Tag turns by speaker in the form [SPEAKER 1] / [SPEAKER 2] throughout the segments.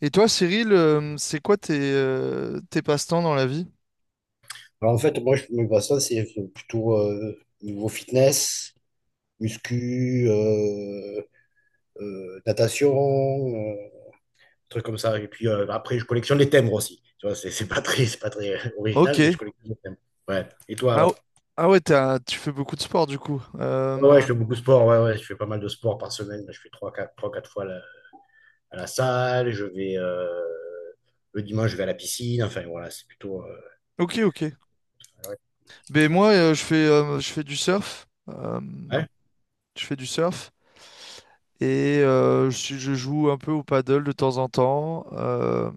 [SPEAKER 1] Et toi, Cyril, c'est quoi tes, tes passe-temps dans la vie?
[SPEAKER 2] Alors, en fait, moi, je me vois ça, c'est plutôt niveau fitness, muscu, natation, euh, trucs comme ça. Et puis après, je collectionne les timbres aussi. Tu vois, c'est pas très original, mais je
[SPEAKER 1] Ok.
[SPEAKER 2] collectionne les timbres. Ouais. Et toi,
[SPEAKER 1] Ah,
[SPEAKER 2] alors?
[SPEAKER 1] o- ah ouais, tu fais beaucoup de sport du coup.
[SPEAKER 2] Ouais, ouais, je fais beaucoup de sport. Ouais, ouais, je fais pas mal de sport par semaine. Je fais trois quatre fois à la salle. Je vais, le dimanche, je vais à la piscine. Enfin, voilà, c'est plutôt. euh,
[SPEAKER 1] Ok, ok.
[SPEAKER 2] ouais.
[SPEAKER 1] Ben moi, je fais du surf.
[SPEAKER 2] Ouais,
[SPEAKER 1] Je fais du surf. Et je joue un peu au paddle de temps en temps.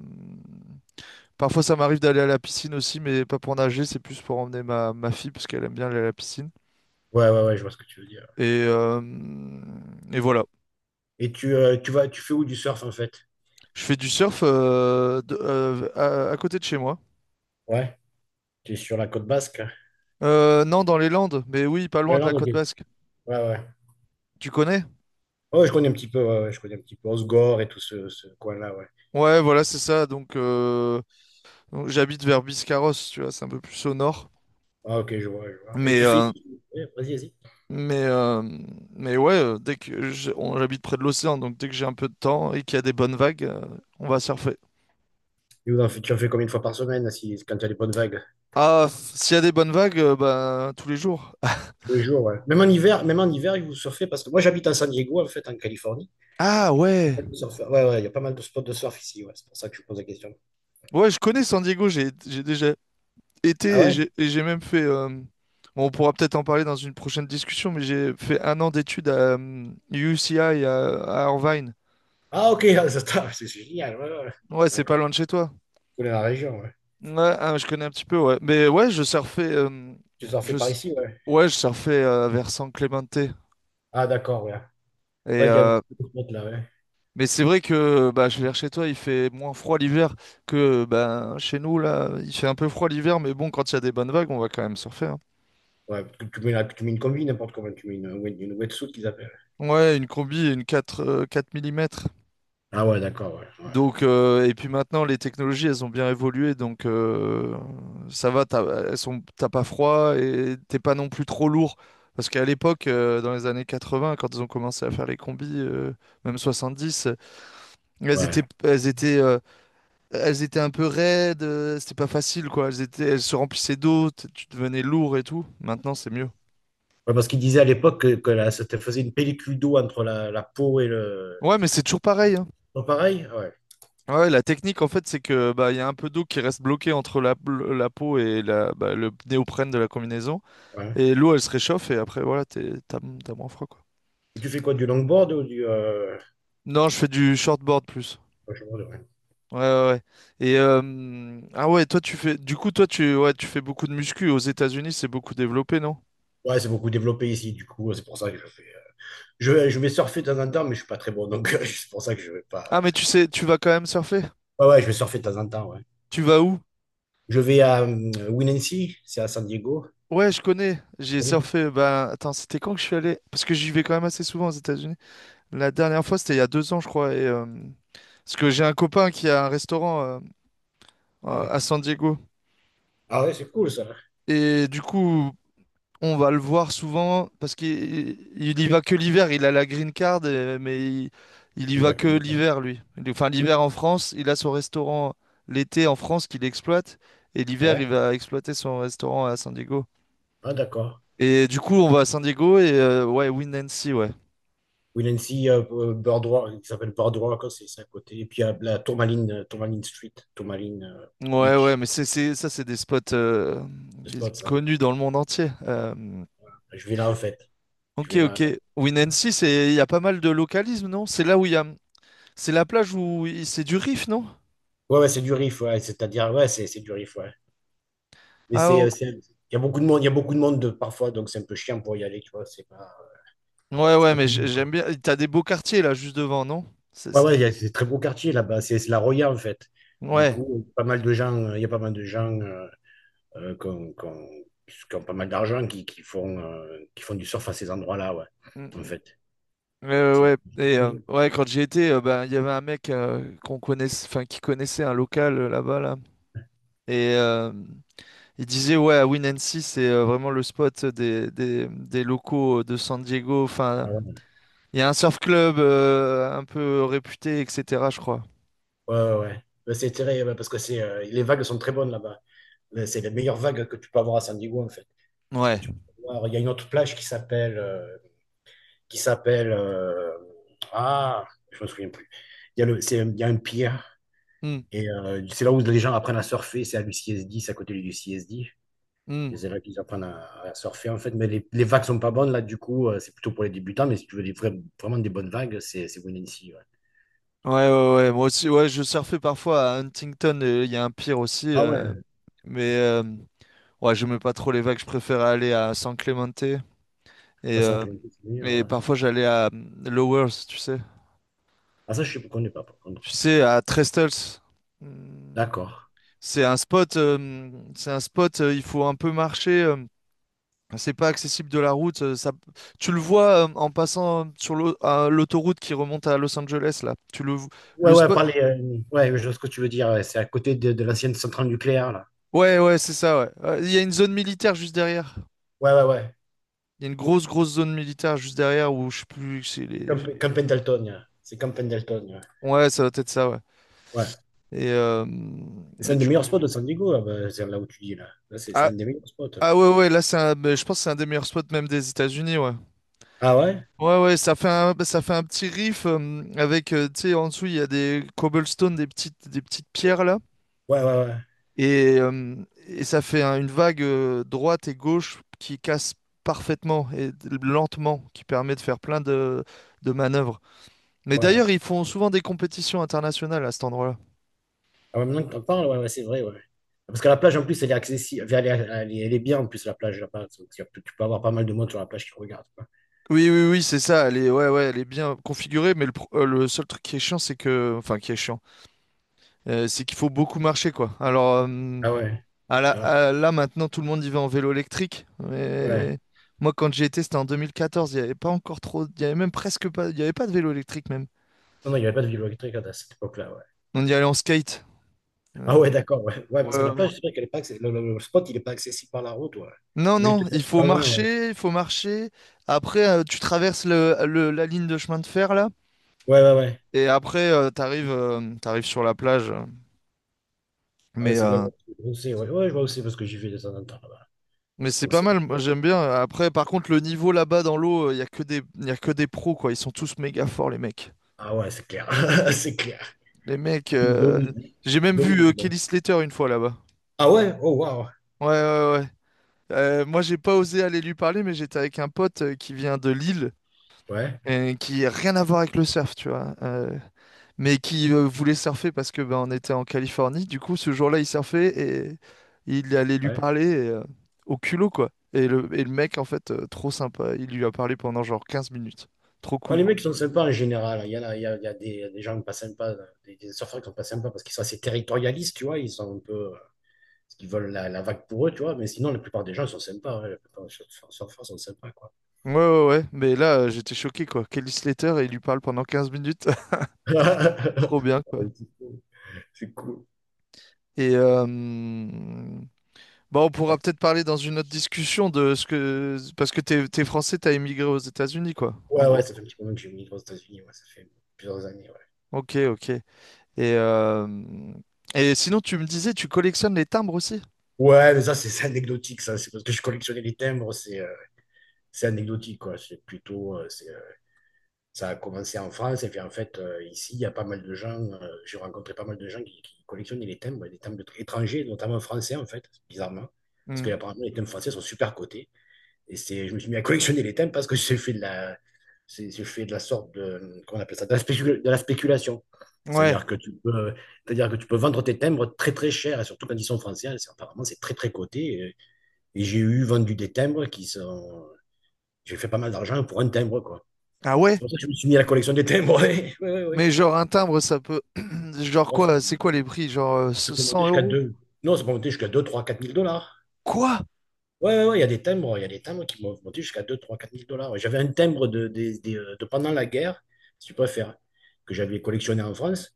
[SPEAKER 1] Parfois, ça m'arrive d'aller à la piscine aussi, mais pas pour nager, c'est plus pour emmener ma, fille, parce qu'elle aime bien aller à la piscine.
[SPEAKER 2] ouais, ouais, ouais, je vois ce que tu veux dire.
[SPEAKER 1] Et, euh, et voilà.
[SPEAKER 2] Et tu fais où du surf, en fait?
[SPEAKER 1] Je fais du surf à côté de chez moi.
[SPEAKER 2] Ouais. Qui est sur la côte basque, hein.
[SPEAKER 1] Non, dans les Landes, mais oui, pas loin
[SPEAKER 2] Ouais,
[SPEAKER 1] de la
[SPEAKER 2] non, ok.
[SPEAKER 1] côte
[SPEAKER 2] Ouais,
[SPEAKER 1] basque.
[SPEAKER 2] ouais.
[SPEAKER 1] Tu connais?
[SPEAKER 2] Ouais, je connais un petit peu, ouais, ouais, je connais un petit peu Osgore et tout ce coin-là, ouais.
[SPEAKER 1] Ouais, voilà, c'est ça. Donc j'habite vers Biscarrosse, tu vois, c'est un peu plus au nord.
[SPEAKER 2] Ah, ok, je vois, je vois. Et
[SPEAKER 1] Mais,
[SPEAKER 2] tu fais.
[SPEAKER 1] euh,
[SPEAKER 2] Ouais, vas-y, vas-y.
[SPEAKER 1] mais, euh, mais ouais, dès que j'habite près de l'océan, donc dès que j'ai un peu de temps et qu'il y a des bonnes vagues, on va surfer.
[SPEAKER 2] Tu en fais combien de fois par semaine si, quand tu as des bonnes vagues?
[SPEAKER 1] S'il y a des bonnes vagues, bah, tous les jours.
[SPEAKER 2] Tous les jours, ouais. Même en hiver, vous surfez parce que moi j'habite à San Diego, en fait, en Californie.
[SPEAKER 1] Ah ouais,
[SPEAKER 2] Surfeur. Ouais, ouais, il y a pas mal de spots de surf ici, ouais. C'est pour ça que je vous pose la question.
[SPEAKER 1] ouais, je connais San Diego, j'ai déjà été
[SPEAKER 2] Ah
[SPEAKER 1] et
[SPEAKER 2] ouais?
[SPEAKER 1] j'ai et j'ai même fait, bon, on pourra peut-être en parler dans une prochaine discussion, mais j'ai fait un an d'études à UCI à Irvine.
[SPEAKER 2] Ah ok, ah, ça tape, c'est génial, ouais, ouais.
[SPEAKER 1] Ouais, c'est pas
[SPEAKER 2] D'accord.
[SPEAKER 1] loin de
[SPEAKER 2] Tu
[SPEAKER 1] chez toi.
[SPEAKER 2] connais la région, ouais.
[SPEAKER 1] Ouais, ah, je connais un petit peu, ouais. Mais ouais, je surfais.
[SPEAKER 2] Tu surfais
[SPEAKER 1] Je,
[SPEAKER 2] par
[SPEAKER 1] s-
[SPEAKER 2] ici, ouais.
[SPEAKER 1] ouais, je surfais vers San Clemente.
[SPEAKER 2] Ah d'accord, ouais.
[SPEAKER 1] Et,
[SPEAKER 2] Ouais, il y a un
[SPEAKER 1] euh,
[SPEAKER 2] petit peu de spots là, ouais.
[SPEAKER 1] mais c'est vrai que bah, je vais vers chez toi, il fait moins froid l'hiver que bah, chez nous, là. Il fait un peu froid l'hiver, mais bon, quand il y a des bonnes vagues, on va quand même surfer, hein.
[SPEAKER 2] Ouais, tu mets, tu mets une combi, n'importe comment, tu mets une wetsuit qu'ils appellent.
[SPEAKER 1] Ouais, une combi et une 4 4 mm.
[SPEAKER 2] Ah ouais, d'accord, ouais, ouais,
[SPEAKER 1] Et puis maintenant, les technologies, elles ont bien évolué, donc ça va, elles sont, t'as pas froid et t'es pas non plus trop lourd. Parce qu'à l'époque, dans les années 80, quand ils ont commencé à faire les combis, même 70, elles
[SPEAKER 2] ouais.
[SPEAKER 1] étaient, elles étaient, euh, elles étaient un peu raides, c'était pas facile, quoi. Elles se remplissaient d'eau, tu devenais lourd et tout. Maintenant, c'est mieux.
[SPEAKER 2] Ouais, parce qu'ils disaient à l'époque que, que ça te faisait une pellicule d'eau entre la peau et le...
[SPEAKER 1] Ouais, mais c'est toujours pareil, hein.
[SPEAKER 2] Pas pareil? Ouais,
[SPEAKER 1] Ouais, la technique, en fait, c'est que bah, il y a un peu d'eau qui reste bloquée entre la peau et le néoprène de la combinaison.
[SPEAKER 2] ouais.
[SPEAKER 1] Et l'eau, elle se réchauffe et après, voilà, t'as moins froid, quoi.
[SPEAKER 2] Et tu fais quoi, du longboard ou du...
[SPEAKER 1] Non, je fais du shortboard plus.
[SPEAKER 2] washboard, ouais,
[SPEAKER 1] Ouais, ouais, ouais. Ah ouais, toi, tu fais. Du coup, toi, tu fais beaucoup de muscu. Aux États-Unis, c'est beaucoup développé, non?
[SPEAKER 2] Ouais, c'est beaucoup développé ici, du coup, c'est pour ça que je fais... Je vais surfer de temps en temps, mais je suis pas très bon, donc c'est pour ça que je vais pas...
[SPEAKER 1] Ah, mais tu sais, tu vas quand même surfer.
[SPEAKER 2] Ouais, ouais, je vais surfer de temps en temps, ouais.
[SPEAKER 1] Tu vas où?
[SPEAKER 2] Je vais à Winancy, c'est à San Diego.
[SPEAKER 1] Ouais, je connais. J'ai
[SPEAKER 2] Vous connaissez.
[SPEAKER 1] surfé. Ben, attends, c'était quand que je suis allé? Parce que j'y vais quand même assez souvent aux États-Unis. La dernière fois, c'était il y a 2 ans, je crois. Parce que j'ai un copain qui a un restaurant
[SPEAKER 2] Ah
[SPEAKER 1] à
[SPEAKER 2] ouais,
[SPEAKER 1] à San Diego.
[SPEAKER 2] ah ouais, c'est cool, ça.
[SPEAKER 1] Et du coup, on va le voir souvent parce qu'il y va que l'hiver. Il a la green card, mais il y
[SPEAKER 2] Il
[SPEAKER 1] va
[SPEAKER 2] va que
[SPEAKER 1] que
[SPEAKER 2] lui.
[SPEAKER 1] l'hiver, lui. Enfin, l'hiver en France, il a son restaurant l'été en France qu'il exploite. Et l'hiver, il
[SPEAKER 2] Ouais,
[SPEAKER 1] va exploiter son restaurant à San Diego.
[SPEAKER 2] ah d'accord.
[SPEAKER 1] Et du coup, on va à San Diego et ouais, Winancy, ouais.
[SPEAKER 2] Will and Boardwalk, qui s'appelle Boardwalk, c'est à côté. Et puis il y a la Tourmaline, Tourmaline Street, Tourmaline
[SPEAKER 1] Ouais, ouais,
[SPEAKER 2] Beach,
[SPEAKER 1] mais c'est des spots
[SPEAKER 2] le spot, ça, ouais.
[SPEAKER 1] connus dans le monde entier.
[SPEAKER 2] Je vais là, en fait. Je
[SPEAKER 1] Ok,
[SPEAKER 2] vais là.
[SPEAKER 1] ok. Winancy, il y a pas mal de localisme, non? C'est là où il y a. C'est la plage où c'est du riff, non?
[SPEAKER 2] Ouais, ouais, c'est du riff, ouais. C'est-à-dire, ouais, c'est du riff, ouais. Mais
[SPEAKER 1] Ah
[SPEAKER 2] il y a beaucoup de monde, il y a beaucoup de monde de, parfois, donc c'est un peu chiant pour y aller, tu vois.
[SPEAKER 1] Ouais,
[SPEAKER 2] C'est
[SPEAKER 1] ouais,
[SPEAKER 2] pas
[SPEAKER 1] mais
[SPEAKER 2] comme-
[SPEAKER 1] j'aime bien. T'as des beaux quartiers là, juste devant, non? C'est-
[SPEAKER 2] Ouais,
[SPEAKER 1] c'est-
[SPEAKER 2] ouais, c'est très beau quartier là-bas. C'est la Roya, en fait. Du
[SPEAKER 1] Ouais.
[SPEAKER 2] coup, pas mal de gens, il y a pas mal de gens euh, qui ont, qui ont- qui ont pas mal d'argent qui font du surf à ces endroits-là, ouais,
[SPEAKER 1] Mm,
[SPEAKER 2] en
[SPEAKER 1] mm.
[SPEAKER 2] fait. C'est-
[SPEAKER 1] Ouais, et quand j'y étais, ben, il y avait un mec qu'on connaissait, enfin, qui connaissait un local là-bas, là. Et il disait, ouais, à Winancy, c'est vraiment le spot des locaux de San Diego. Enfin,
[SPEAKER 2] Ah ouais,
[SPEAKER 1] il y a un surf club un peu réputé, etc., je crois.
[SPEAKER 2] ouais, ouais. Ouais. Mais c'est tiré, ouais, parce que les vagues sont très bonnes là-bas. Mais c'est les meilleures vagues que tu peux avoir à San Diego, en fait. Parce que
[SPEAKER 1] Ouais.
[SPEAKER 2] tu peux voir, il y a une autre plage qui s'appelle, qui s'appelle, euh, ah, je me souviens plus. Il y a le, c'est, il y a un pier,
[SPEAKER 1] Mm,
[SPEAKER 2] et c'est là où les gens apprennent à surfer, c'est à l'UCSD, c'est à côté du CSD. Et
[SPEAKER 1] mm.
[SPEAKER 2] c'est là qu'ils apprennent à surfer, en fait. Mais les vagues sont pas bonnes, là, du coup, c'est plutôt pour les débutants, mais si tu veux vraiment des bonnes vagues, c'est Winancy, ouais.
[SPEAKER 1] Ouais, ouais, ouais. Moi aussi, ouais, je surfais parfois à Huntington. Il y a un pire aussi.
[SPEAKER 2] Ah ouais,
[SPEAKER 1] Mais euh, Ouais, j'aimais pas trop les vagues, je préférais aller à San Clemente.
[SPEAKER 2] 300
[SPEAKER 1] Euh,
[SPEAKER 2] km,
[SPEAKER 1] et parfois j'allais à Lowers, tu sais.
[SPEAKER 2] Ah, ça, je ne connais pas, par
[SPEAKER 1] Tu
[SPEAKER 2] contre.
[SPEAKER 1] sais, à Trestles. Hmm.
[SPEAKER 2] D'accord.
[SPEAKER 1] C'est un spot, il faut un peu marcher. C'est pas accessible de la route. Ça, tu le vois en passant sur l'au- à l'autoroute qui remonte à Los Angeles, là. Tu le, vo-
[SPEAKER 2] Ouais,
[SPEAKER 1] le
[SPEAKER 2] ouais,
[SPEAKER 1] spot.
[SPEAKER 2] parler, ouais, je vois ce que tu veux dire. Ouais, c'est à côté de l'ancienne centrale nucléaire, là.
[SPEAKER 1] Ouais, ouais, c'est ça, ouais. Il y a une zone militaire juste derrière.
[SPEAKER 2] Ouais, ouais, ouais.
[SPEAKER 1] Il y a une grosse, grosse zone militaire juste derrière où je sais plus,
[SPEAKER 2] Camp, Camp Pendleton, ouais. C'est Camp Pendleton, ouais.
[SPEAKER 1] Ouais, ça doit être ça, ouais.
[SPEAKER 2] Ouais.
[SPEAKER 1] Et, euh,
[SPEAKER 2] C'est
[SPEAKER 1] et
[SPEAKER 2] un des
[SPEAKER 1] du coup,
[SPEAKER 2] meilleurs spots de San Diego, là, bah, c'est là où tu dis, là. Là, c'est
[SPEAKER 1] ah,
[SPEAKER 2] un des meilleurs spots, là.
[SPEAKER 1] ah ouais, ouais, là, ben, je pense que c'est un des meilleurs spots même des États-Unis, ouais.
[SPEAKER 2] Ah ouais?
[SPEAKER 1] Ouais, ouais, ça fait un petit riff avec, tu sais, en dessous, il y a des cobblestones, des petites pierres là.
[SPEAKER 2] Ouais, ouais, ouais.
[SPEAKER 1] Et, euh, et une vague droite et gauche qui casse parfaitement et lentement, qui permet de faire plein de manœuvres. Mais
[SPEAKER 2] Ouais.
[SPEAKER 1] d'ailleurs, ils font souvent des compétitions internationales à cet endroit-là.
[SPEAKER 2] Ah, ouais, maintenant que tu en parles, ouais, ouais, c'est vrai, ouais. Parce que la plage, en plus, elle est accessible. Elle est bien, en plus, la plage, là-bas. Donc, tu peux avoir pas mal de monde sur la plage qui regarde, quoi.
[SPEAKER 1] Oui, oui, oui, c'est ça. Ouais, ouais, elle est bien configurée, mais le seul truc qui est chiant, c'est que, enfin, qui est chiant, c'est qu'il faut beaucoup marcher, quoi. Alors,
[SPEAKER 2] Ah ouais. Ah ouais.
[SPEAKER 1] là, maintenant, tout le monde y va en vélo électrique.
[SPEAKER 2] Ouais.
[SPEAKER 1] Mais moi, quand j'y étais, c'était en 2014. Il n'y avait pas encore trop, il y avait même presque pas, il y avait pas de vélo électrique même.
[SPEAKER 2] Non, non, il n'y avait pas de vélo électrique à cette époque-là, ouais.
[SPEAKER 1] On y allait en skate.
[SPEAKER 2] Ah
[SPEAKER 1] Euh,
[SPEAKER 2] ouais, d'accord, ouais. Ouais,
[SPEAKER 1] ouais,
[SPEAKER 2] parce que la
[SPEAKER 1] ouais.
[SPEAKER 2] plage, c'est vrai qu'elle est pas accessi- Le spot, il est pas accessible par la route, ouais.
[SPEAKER 1] Non,
[SPEAKER 2] T'es obligé de
[SPEAKER 1] non,
[SPEAKER 2] te
[SPEAKER 1] il
[SPEAKER 2] faire
[SPEAKER 1] faut
[SPEAKER 2] super loin, ouais.
[SPEAKER 1] marcher, il faut marcher. Après, tu traverses la ligne de chemin de fer là,
[SPEAKER 2] Ouais, ouais, ouais.
[SPEAKER 1] et après, t'arrives sur la plage.
[SPEAKER 2] Ah ouais,
[SPEAKER 1] Mais
[SPEAKER 2] c'est ouais,
[SPEAKER 1] euh,
[SPEAKER 2] ouais, je vois aussi, ouais. Ouais, je vois aussi parce que j'y vais de temps en temps là-bas.
[SPEAKER 1] Mais c'est
[SPEAKER 2] Donc
[SPEAKER 1] pas
[SPEAKER 2] c'est.
[SPEAKER 1] mal, moi j'aime bien. Après, par contre, le niveau là-bas dans l'eau, il y a que des, y a que des pros, quoi. Ils sont tous méga forts, les mecs.
[SPEAKER 2] Ah ouais, c'est clair. C'est clair.
[SPEAKER 1] Les mecs,
[SPEAKER 2] Il domine.
[SPEAKER 1] j'ai
[SPEAKER 2] Il
[SPEAKER 1] même vu
[SPEAKER 2] domine, hein.
[SPEAKER 1] Kelly Slater une fois là-bas.
[SPEAKER 2] Ah ouais? Oh waouh.
[SPEAKER 1] Ouais, ouais, ouais. Moi, j'ai pas osé aller lui parler, mais j'étais avec un pote qui vient de Lille,
[SPEAKER 2] Ouais,
[SPEAKER 1] et qui a rien à voir avec le surf, tu vois. Mais qui voulait surfer parce que ben, on était en Californie. Du coup, ce jour-là, il surfait et il allait lui
[SPEAKER 2] ouais.
[SPEAKER 1] parler au culot, quoi. Et le mec, en fait, trop sympa, il lui a parlé pendant genre 15 minutes. Trop
[SPEAKER 2] Ouais,
[SPEAKER 1] cool.
[SPEAKER 2] les mecs sont sympas en général. Il y a des gens pas sympas, des surfeurs qui sont pas sympas parce qu'ils sont assez territorialistes, tu vois. Ils sont un peu. Ils veulent la vague pour eux, tu vois. Mais sinon, la plupart des gens sont sympas, hein. La plupart des surfeurs sont sympas, quoi.
[SPEAKER 1] Ouais, ouais, ouais. Mais là, j'étais choqué, quoi. Kelly Slater, il lui parle pendant 15 minutes. Trop bien, quoi.
[SPEAKER 2] C'est cool.
[SPEAKER 1] Et bah, on pourra
[SPEAKER 2] Ouais.
[SPEAKER 1] peut-être parler dans une autre discussion de ce que... Parce que t'es français, t'as émigré aux États-Unis, quoi, en
[SPEAKER 2] Ouais, ouais,
[SPEAKER 1] gros.
[SPEAKER 2] ça fait un petit moment que j'ai migré aux États-Unis. Ouais, ça fait plusieurs années.
[SPEAKER 1] Ok, ok. Et, euh, et sinon, tu me disais, tu collectionnes les timbres aussi?
[SPEAKER 2] Ouais, ouais mais ça, c'est anecdotique. Ça, c'est parce que je collectionnais les timbres. C'est anecdotique, quoi. C'est plutôt. Ça a commencé en France. Et puis, en fait, ici, il y a pas mal de gens. J'ai rencontré pas mal de gens qui collectionnaient les timbres, des timbres étrangers, notamment français, en fait, bizarrement. Parce que,
[SPEAKER 1] Mhm.
[SPEAKER 2] apparemment, les timbres français sont super cotés. Et c'est, je me suis mis à collectionner les thèmes parce que j'ai fait de la, je fais de la sorte de, qu'on appelle ça, de la, de la spéculation.
[SPEAKER 1] Ouais.
[SPEAKER 2] C'est-à-dire que tu peux, c'est-à-dire que tu peux vendre tes timbres très très cher, et surtout quand ils sont français, apparemment c'est très très coté. Et j'ai eu vendu des timbres qui sont, j'ai fait pas mal d'argent pour un timbre quoi.
[SPEAKER 1] Ah ouais?
[SPEAKER 2] C'est pour ça que je me suis mis à la collection des timbres. Oui, oui, oui.
[SPEAKER 1] Mais genre, un timbre, ça peut. Genre
[SPEAKER 2] Ouais,
[SPEAKER 1] quoi? C'est quoi les prix? Genre
[SPEAKER 2] ça peut monter
[SPEAKER 1] 100
[SPEAKER 2] jusqu'à
[SPEAKER 1] euros?
[SPEAKER 2] deux. Non, ça peut monter jusqu'à deux trois quatre mille dollars.
[SPEAKER 1] Quoi?
[SPEAKER 2] Ouais, ouais, ouais, il y a des timbres qui m'ont monté jusqu'à deux trois quatre mille dollars. Ouais, j'avais un timbre de pendant la guerre, si tu préfères, que j'avais collectionné en France.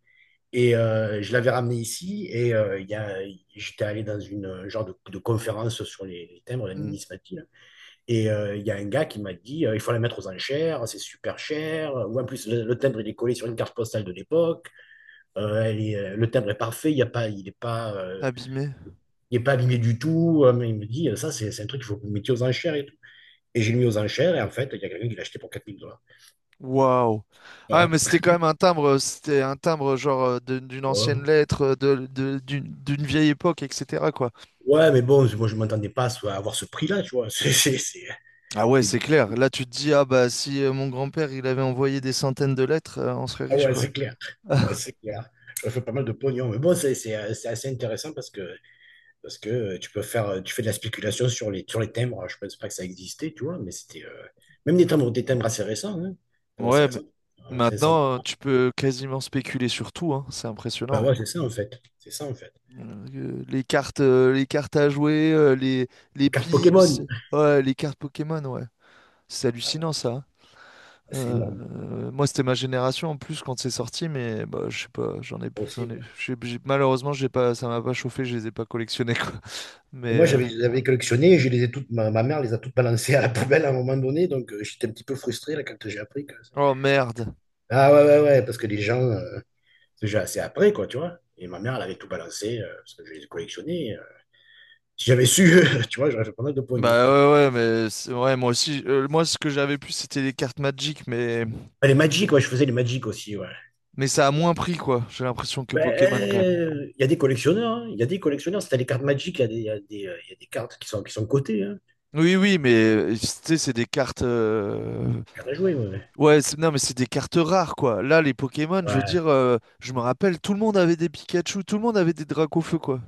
[SPEAKER 2] Et je l'avais ramené ici. Et il y a, j'étais allé dans une genre de, conférence sur les timbres, la
[SPEAKER 1] Mhm.
[SPEAKER 2] numismatie, là. Et il y a un gars qui m'a dit il faut la mettre aux enchères, c'est super cher. Ou en plus, le timbre, il est collé sur une carte postale de l'époque. Le timbre est parfait, il y a pas, il n'est pas,
[SPEAKER 1] Abîmé.
[SPEAKER 2] il est pas abîmé du tout. Mais il me dit, ça, c'est un truc qu'il faut que vous mettiez aux enchères. Et je l'ai mis aux enchères, et en fait, il y a quelqu'un qui l'a acheté pour 4 000 dollars.
[SPEAKER 1] Waouh. Ah, ouais, mais
[SPEAKER 2] Voilà.
[SPEAKER 1] c'était quand même un timbre. C'était un timbre, genre, d'une
[SPEAKER 2] Ouais.
[SPEAKER 1] ancienne lettre, d'une vieille époque, etc., quoi.
[SPEAKER 2] Ouais, mais bon, moi, je ne m'attendais pas à avoir ce prix-là, tu vois. C'est-
[SPEAKER 1] Ah ouais,
[SPEAKER 2] et-
[SPEAKER 1] c'est clair. Là, tu te dis, ah bah, si mon grand-père, il avait envoyé des centaines de lettres, on serait
[SPEAKER 2] Ah
[SPEAKER 1] riche,
[SPEAKER 2] ouais,
[SPEAKER 1] quoi.
[SPEAKER 2] c'est clair. Ouais, c'est clair. Ça fait pas mal de pognon. Mais bon, c'est assez intéressant parce que tu fais de la spéculation sur les timbres. Je ne pense pas que ça existait, tu vois, mais c'était. Même des timbres assez récents. Hein. Des timbres assez
[SPEAKER 1] Ouais, mais
[SPEAKER 2] récents. 500.
[SPEAKER 1] maintenant, tu peux quasiment spéculer sur tout, hein. C'est
[SPEAKER 2] Bah
[SPEAKER 1] impressionnant.
[SPEAKER 2] ouais, c'est ça, en fait. C'est ça, en fait.
[SPEAKER 1] Les cartes, à jouer, les
[SPEAKER 2] Carte
[SPEAKER 1] pips,
[SPEAKER 2] Pokémon.
[SPEAKER 1] ouais, les cartes Pokémon, ouais. C'est
[SPEAKER 2] Ah ouais,
[SPEAKER 1] hallucinant, ça.
[SPEAKER 2] c'est
[SPEAKER 1] Euh,
[SPEAKER 2] énorme.
[SPEAKER 1] Moi, c'était ma génération en plus quand c'est sorti, mais bah, je sais pas,
[SPEAKER 2] Aussi,
[SPEAKER 1] j'en ai,
[SPEAKER 2] ouais.
[SPEAKER 1] j'ai- malheureusement, j'ai pas, ça m'a pas chauffé, je les ai pas collectionnés, quoi.
[SPEAKER 2] Et
[SPEAKER 1] Mais
[SPEAKER 2] moi,
[SPEAKER 1] euh,
[SPEAKER 2] je les avais collectionné, je les ai toutes, ma mère les a toutes balancées à la poubelle à un moment donné, donc j'étais un petit peu frustré là, quand j'ai appris que...
[SPEAKER 1] oh merde.
[SPEAKER 2] Ah ouais, ouais, ouais, parce que les gens, c'est déjà assez après, quoi, tu vois. Et ma mère, elle avait tout balancé, parce que je les ai collectionnés. Si j'avais su, tu vois, j'aurais fait pas mal de pognon, ce
[SPEAKER 1] Bah
[SPEAKER 2] truc.
[SPEAKER 1] ouais, ouais, mais ouais, moi aussi, moi ce que j'avais plus, c'était les cartes Magic.
[SPEAKER 2] Ah, les Magic, ouais, je faisais les Magic aussi, ouais.
[SPEAKER 1] Mais ça a moins pris, quoi, j'ai l'impression que
[SPEAKER 2] Ben,
[SPEAKER 1] Pokémon, quand même.
[SPEAKER 2] il y a des collectionneurs, hein, il y a des collectionneurs. Si t'as les cartes Magic, il y a des, il y a des, il y a des cartes qui sont cotées, hein.
[SPEAKER 1] Oui, oui, mais tu sais, c'est des cartes.
[SPEAKER 2] Cartes à jouer, ouais. Ouais,
[SPEAKER 1] Ouais, non, mais c'est des cartes rares, quoi. Là, les Pokémon, je veux
[SPEAKER 2] ouais.
[SPEAKER 1] dire, je me rappelle, tout le monde avait des Pikachu, tout le monde avait des Dracofeu, quoi.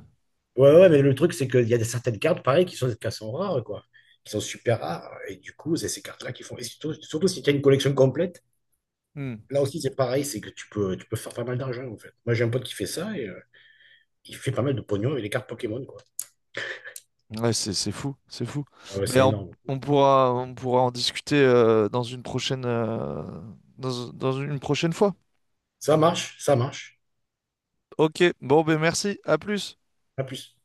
[SPEAKER 2] Ouais. Ouais, mais le truc, c'est qu'il y a certaines cartes, pareil, qui sont des cartes sont rares, quoi. Qui sont super rares. Et du coup, c'est ces cartes-là qui font, et surtout, surtout si tu as une collection complète,
[SPEAKER 1] Hmm.
[SPEAKER 2] là aussi, c'est pareil, c'est que tu peux faire pas mal d'argent, en fait. Moi, j'ai un pote qui fait ça et il fait pas mal de pognon avec les cartes Pokémon, quoi.
[SPEAKER 1] Ouais, c'est fou, c'est fou.
[SPEAKER 2] Ah ouais,
[SPEAKER 1] Mais
[SPEAKER 2] c'est
[SPEAKER 1] on,
[SPEAKER 2] énorme.
[SPEAKER 1] on pourra, on pourra en discuter dans une prochaine fois.
[SPEAKER 2] Ça marche, ça marche.
[SPEAKER 1] Ok, bon, ben merci, à plus.
[SPEAKER 2] À plus.